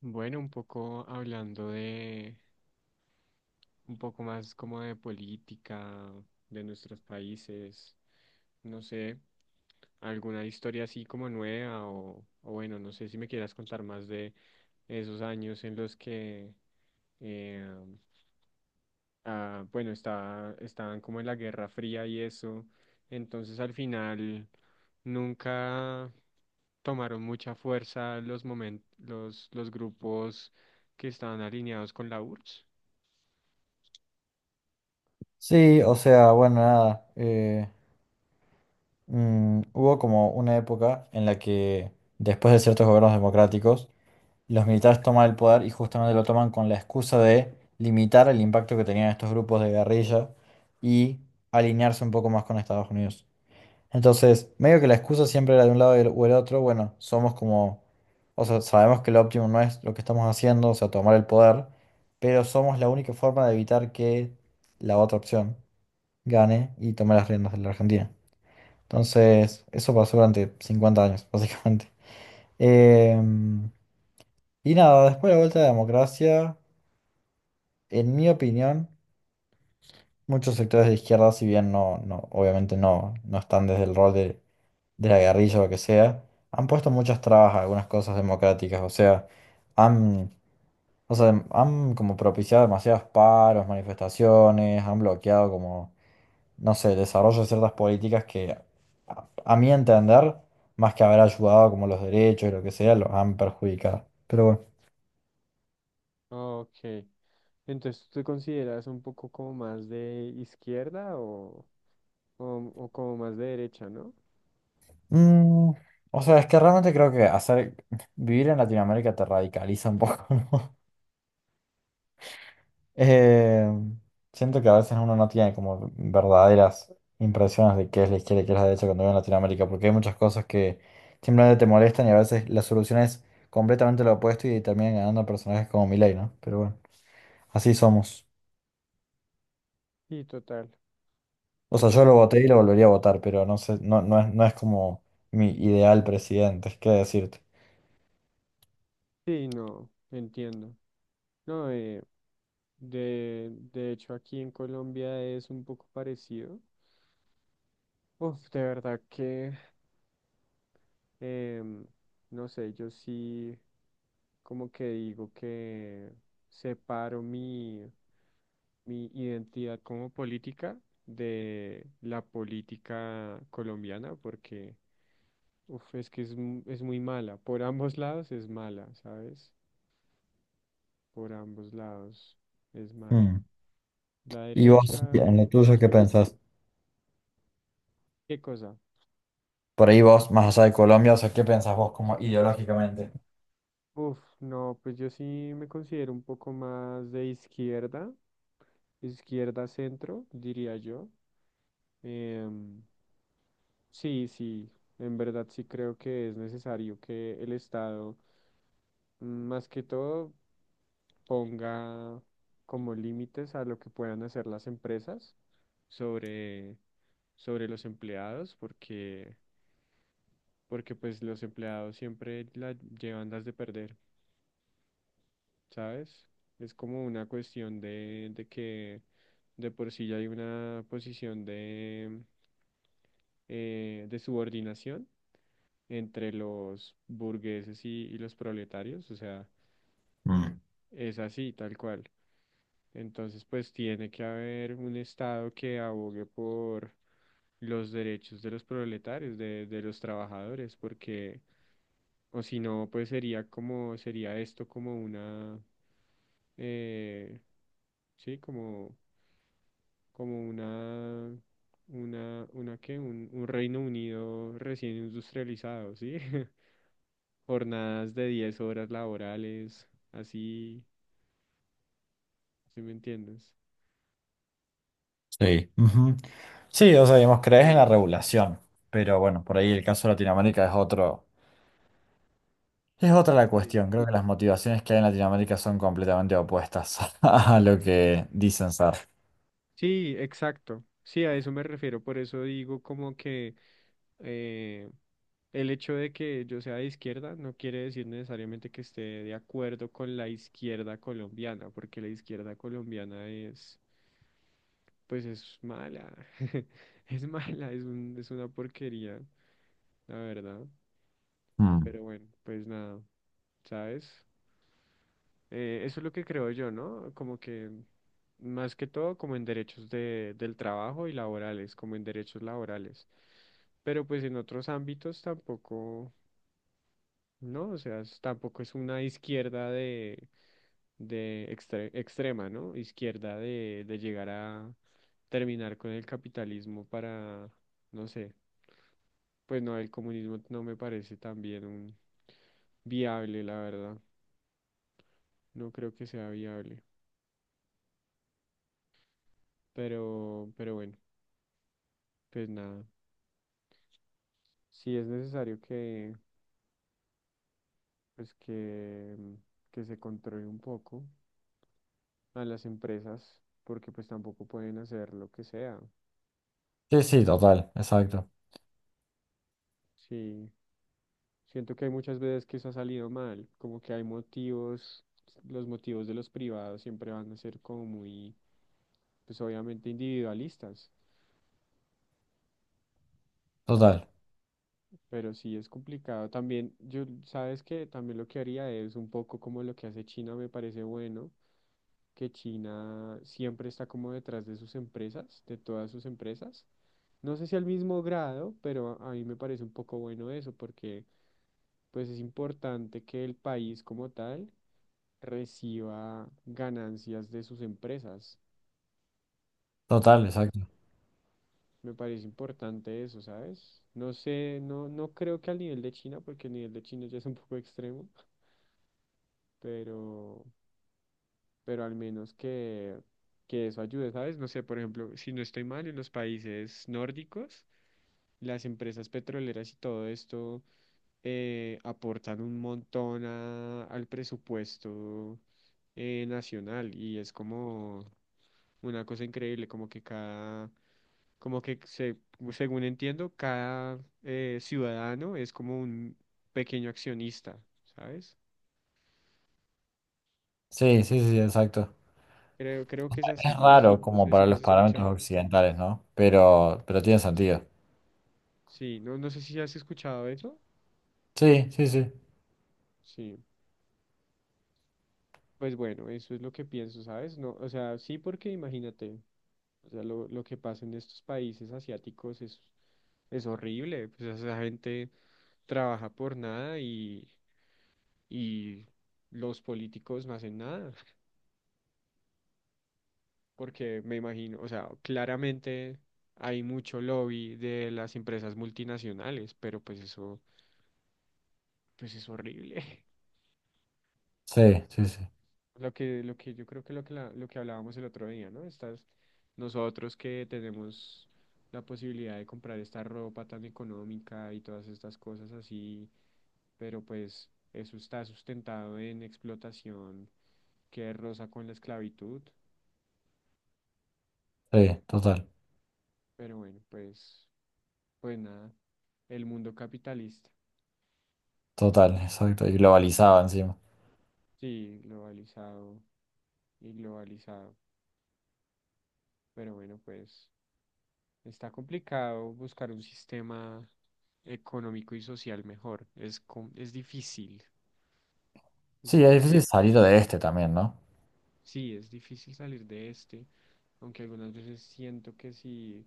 Bueno, un poco hablando de, un poco más como de política, de nuestros países, no sé, alguna historia así como nueva o bueno, no sé si me quieras contar más de esos años en los que eh, bueno, estaban como en la Guerra Fría y eso. Entonces al final nunca tomaron mucha fuerza los grupos que estaban alineados con la URSS. Sí, o sea, bueno, nada. Hubo como una época en la que, después de ciertos gobiernos democráticos, los militares toman el poder y justamente lo toman con la excusa de limitar el impacto que tenían estos grupos de guerrilla y alinearse un poco más con Estados Unidos. Entonces, medio que la excusa siempre era de un lado y o el otro, bueno, somos como, o sea, sabemos que lo óptimo no es lo que estamos haciendo, o sea, tomar el poder, pero somos la única forma de evitar que la otra opción gane y tome las riendas de la Argentina. Entonces, eso pasó durante 50 años, básicamente. Em, y nada, después de la vuelta de la democracia, en mi opinión, muchos sectores de izquierda, si bien no, no, obviamente no, no están desde el rol de la guerrilla o lo que sea, han puesto muchas trabas a algunas cosas democráticas, han, o sea, han como propiciado demasiados paros, manifestaciones, han bloqueado como no sé, desarrollo de ciertas políticas que a mi entender, más que haber ayudado como los derechos y lo que sea, los han perjudicado. Pero bueno. Ok. Entonces, ¿tú te consideras un poco como más de izquierda o como más de derecha, no? Mm, o sea, es que realmente creo que hacer vivir en Latinoamérica te radicaliza un poco, ¿no? Eh, Siento que a veces uno no tiene como verdaderas impresiones de qué es la izquierda y qué es la derecha cuando vive en Latinoamérica, porque hay muchas cosas que simplemente te molestan y a veces la solución es completamente lo opuesto y terminan ganando personajes como Milei, ¿no? Pero bueno, así somos. Sí, total. O sea, Ah, yo lo voté y lo volvería a votar, pero no sé, no, no es, como mi ideal presidente, es que decirte. sí, no, entiendo. No, de hecho aquí en Colombia es un poco parecido. Uf, de verdad que, em, no sé, yo sí como que digo que separo mi, mi identidad como política de la política colombiana porque, uf, es que es, es muy mala. Por ambos lados es mala, ¿sabes? Por ambos lados es mala. Hmm. La ¿Y vos, derecha en y lo la tuyo, qué izquierda. pensás? ¿Qué cosa? Por ahí vos, más allá de Colombia, o sea, ¿qué pensás vos como ideológicamente? Uf, no, pues yo sí me considero un poco más de izquierda. Izquierda, centro, diría yo. Em, sí, sí, en verdad sí creo que es necesario que el Estado, mm, más que todo, ponga como límites a lo que puedan hacer las empresas sobre, sobre los empleados, porque, porque pues los empleados siempre la llevan las de perder. ¿Sabes? Es como una cuestión de que de por sí ya hay una posición de subordinación entre los burgueses y los proletarios, o sea, Mm. es así, tal cual. Entonces, pues tiene que haber un Estado que abogue por los derechos de los proletarios, de los trabajadores, porque, o si no, pues sería como, sería esto como una, eh, sí, como como una qué, un Reino Unido recién industrializado, ¿sí? Jornadas de 10 horas laborales, así, ¿sí me entiendes? Sí. Ujú. Sí, o sea, digamos, Sí, crees en la regulación, pero bueno, por ahí el caso de Latinoamérica es otro, es otra la sí. cuestión. Creo que las motivaciones que hay en Latinoamérica son completamente opuestas a lo que dicen ser. Sí, exacto. Sí, a eso me refiero. Por eso digo como que eh, el hecho de que yo sea de izquierda no quiere decir necesariamente que esté de acuerdo con la izquierda colombiana, porque la izquierda colombiana es pues es mala. Es mala, es un, es una porquería, la verdad. Mm. Pero bueno, pues nada, ¿sabes? Eso es lo que creo yo, ¿no? Como que más que todo como en derechos de, del trabajo y laborales, como en derechos laborales. Pero pues en otros ámbitos tampoco, ¿no? O sea, tampoco es una izquierda de extrema, ¿no? Izquierda de llegar a terminar con el capitalismo para, no sé. Pues no, el comunismo no me parece también un viable, la verdad. No creo que sea viable. Pero bueno, pues nada. Sí es necesario que, pues que, mm, que se controle un poco a las empresas, porque pues tampoco pueden hacer lo que sea. Sí, sí, total, exacto. Sí, siento que hay muchas veces que eso ha salido mal, como que hay motivos, los motivos de los privados siempre van a ser como muy, pues obviamente individualistas. Total, Pero sí es complicado. También, yo, sabes que también lo que haría es un poco como lo que hace China, me parece bueno, que China siempre está como detrás de sus empresas, de todas sus empresas. No sé si al mismo grado, pero a mí me parece un poco bueno eso, porque pues es importante que el país como tal reciba ganancias de sus empresas. Me total, parece, exacto. me parece importante eso, ¿sabes? No sé, no, no creo que al nivel de China, porque el nivel de China ya es un poco extremo pero, pero al menos que eso ayude, ¿sabes? No sé, por ejemplo, si no estoy mal, en los países nórdicos, las empresas petroleras y todo esto aportan un montón al presupuesto nacional y es como una cosa increíble, como que cada, como que se, según entiendo, cada ciudadano es como un pequeño accionista, ¿sabes? Sí, sí, sí, exacto. Creo, creo que es así, Es no, raro no como sé si para lo has los parámetros escuchado. occidentales, ¿no? Pero Sí. tiene sentido. Sí, no, no sé si has escuchado eso. Sí, sí, sí. Sí, pues bueno, eso es lo que pienso, ¿sabes? No, o sea, sí, porque imagínate, o sea, lo que pasa en estos países asiáticos es horrible. Pues esa gente trabaja por nada y, y los políticos no hacen nada. Porque me imagino, o sea, claramente hay mucho lobby de las empresas multinacionales, pero pues eso, pues es horrible. Sí, sí, sí. Lo que yo creo que lo que, lo que hablábamos el otro día, ¿no? Estas, nosotros que tenemos la posibilidad de comprar esta ropa tan económica y todas estas cosas así, pero pues eso está sustentado en explotación que roza con la esclavitud, Sí, total. pero bueno, pues, pues nada, el mundo capitalista, Total, exacto. Y globalizado encima. sí, globalizado y globalizado, pero bueno, pues. Está complicado buscar un sistema económico y social mejor. Es, es difícil. Es Sí, es difícil salir de este también, ¿no? sí, es difícil salir de este, aunque algunas veces siento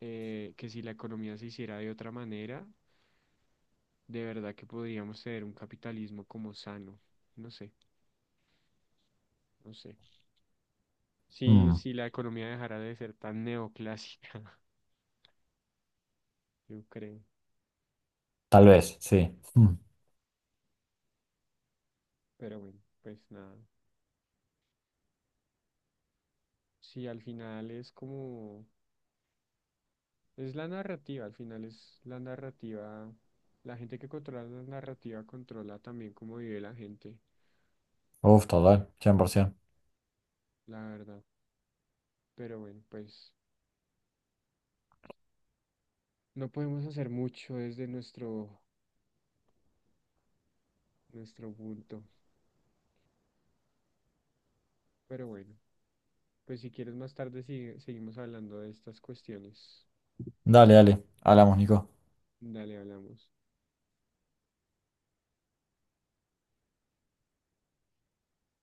que si la economía se hiciera de otra manera, de verdad que podríamos tener un capitalismo como sano. No sé, no sé. Si, Mm, si la economía dejara de ser tan neoclásica, yo creo. tal vez, sí. Mm. Pero bueno, pues nada. Si al final es como... Es la narrativa, al final es la narrativa. La gente que controla la narrativa controla también cómo vive la gente, Uf, total, 100%. la verdad. Pero bueno, pues no podemos hacer mucho desde nuestro, nuestro punto. Pero bueno, pues si quieres más tarde seguimos hablando de estas cuestiones. Dale, dale. Hablamos, Nico. Dale, hablamos.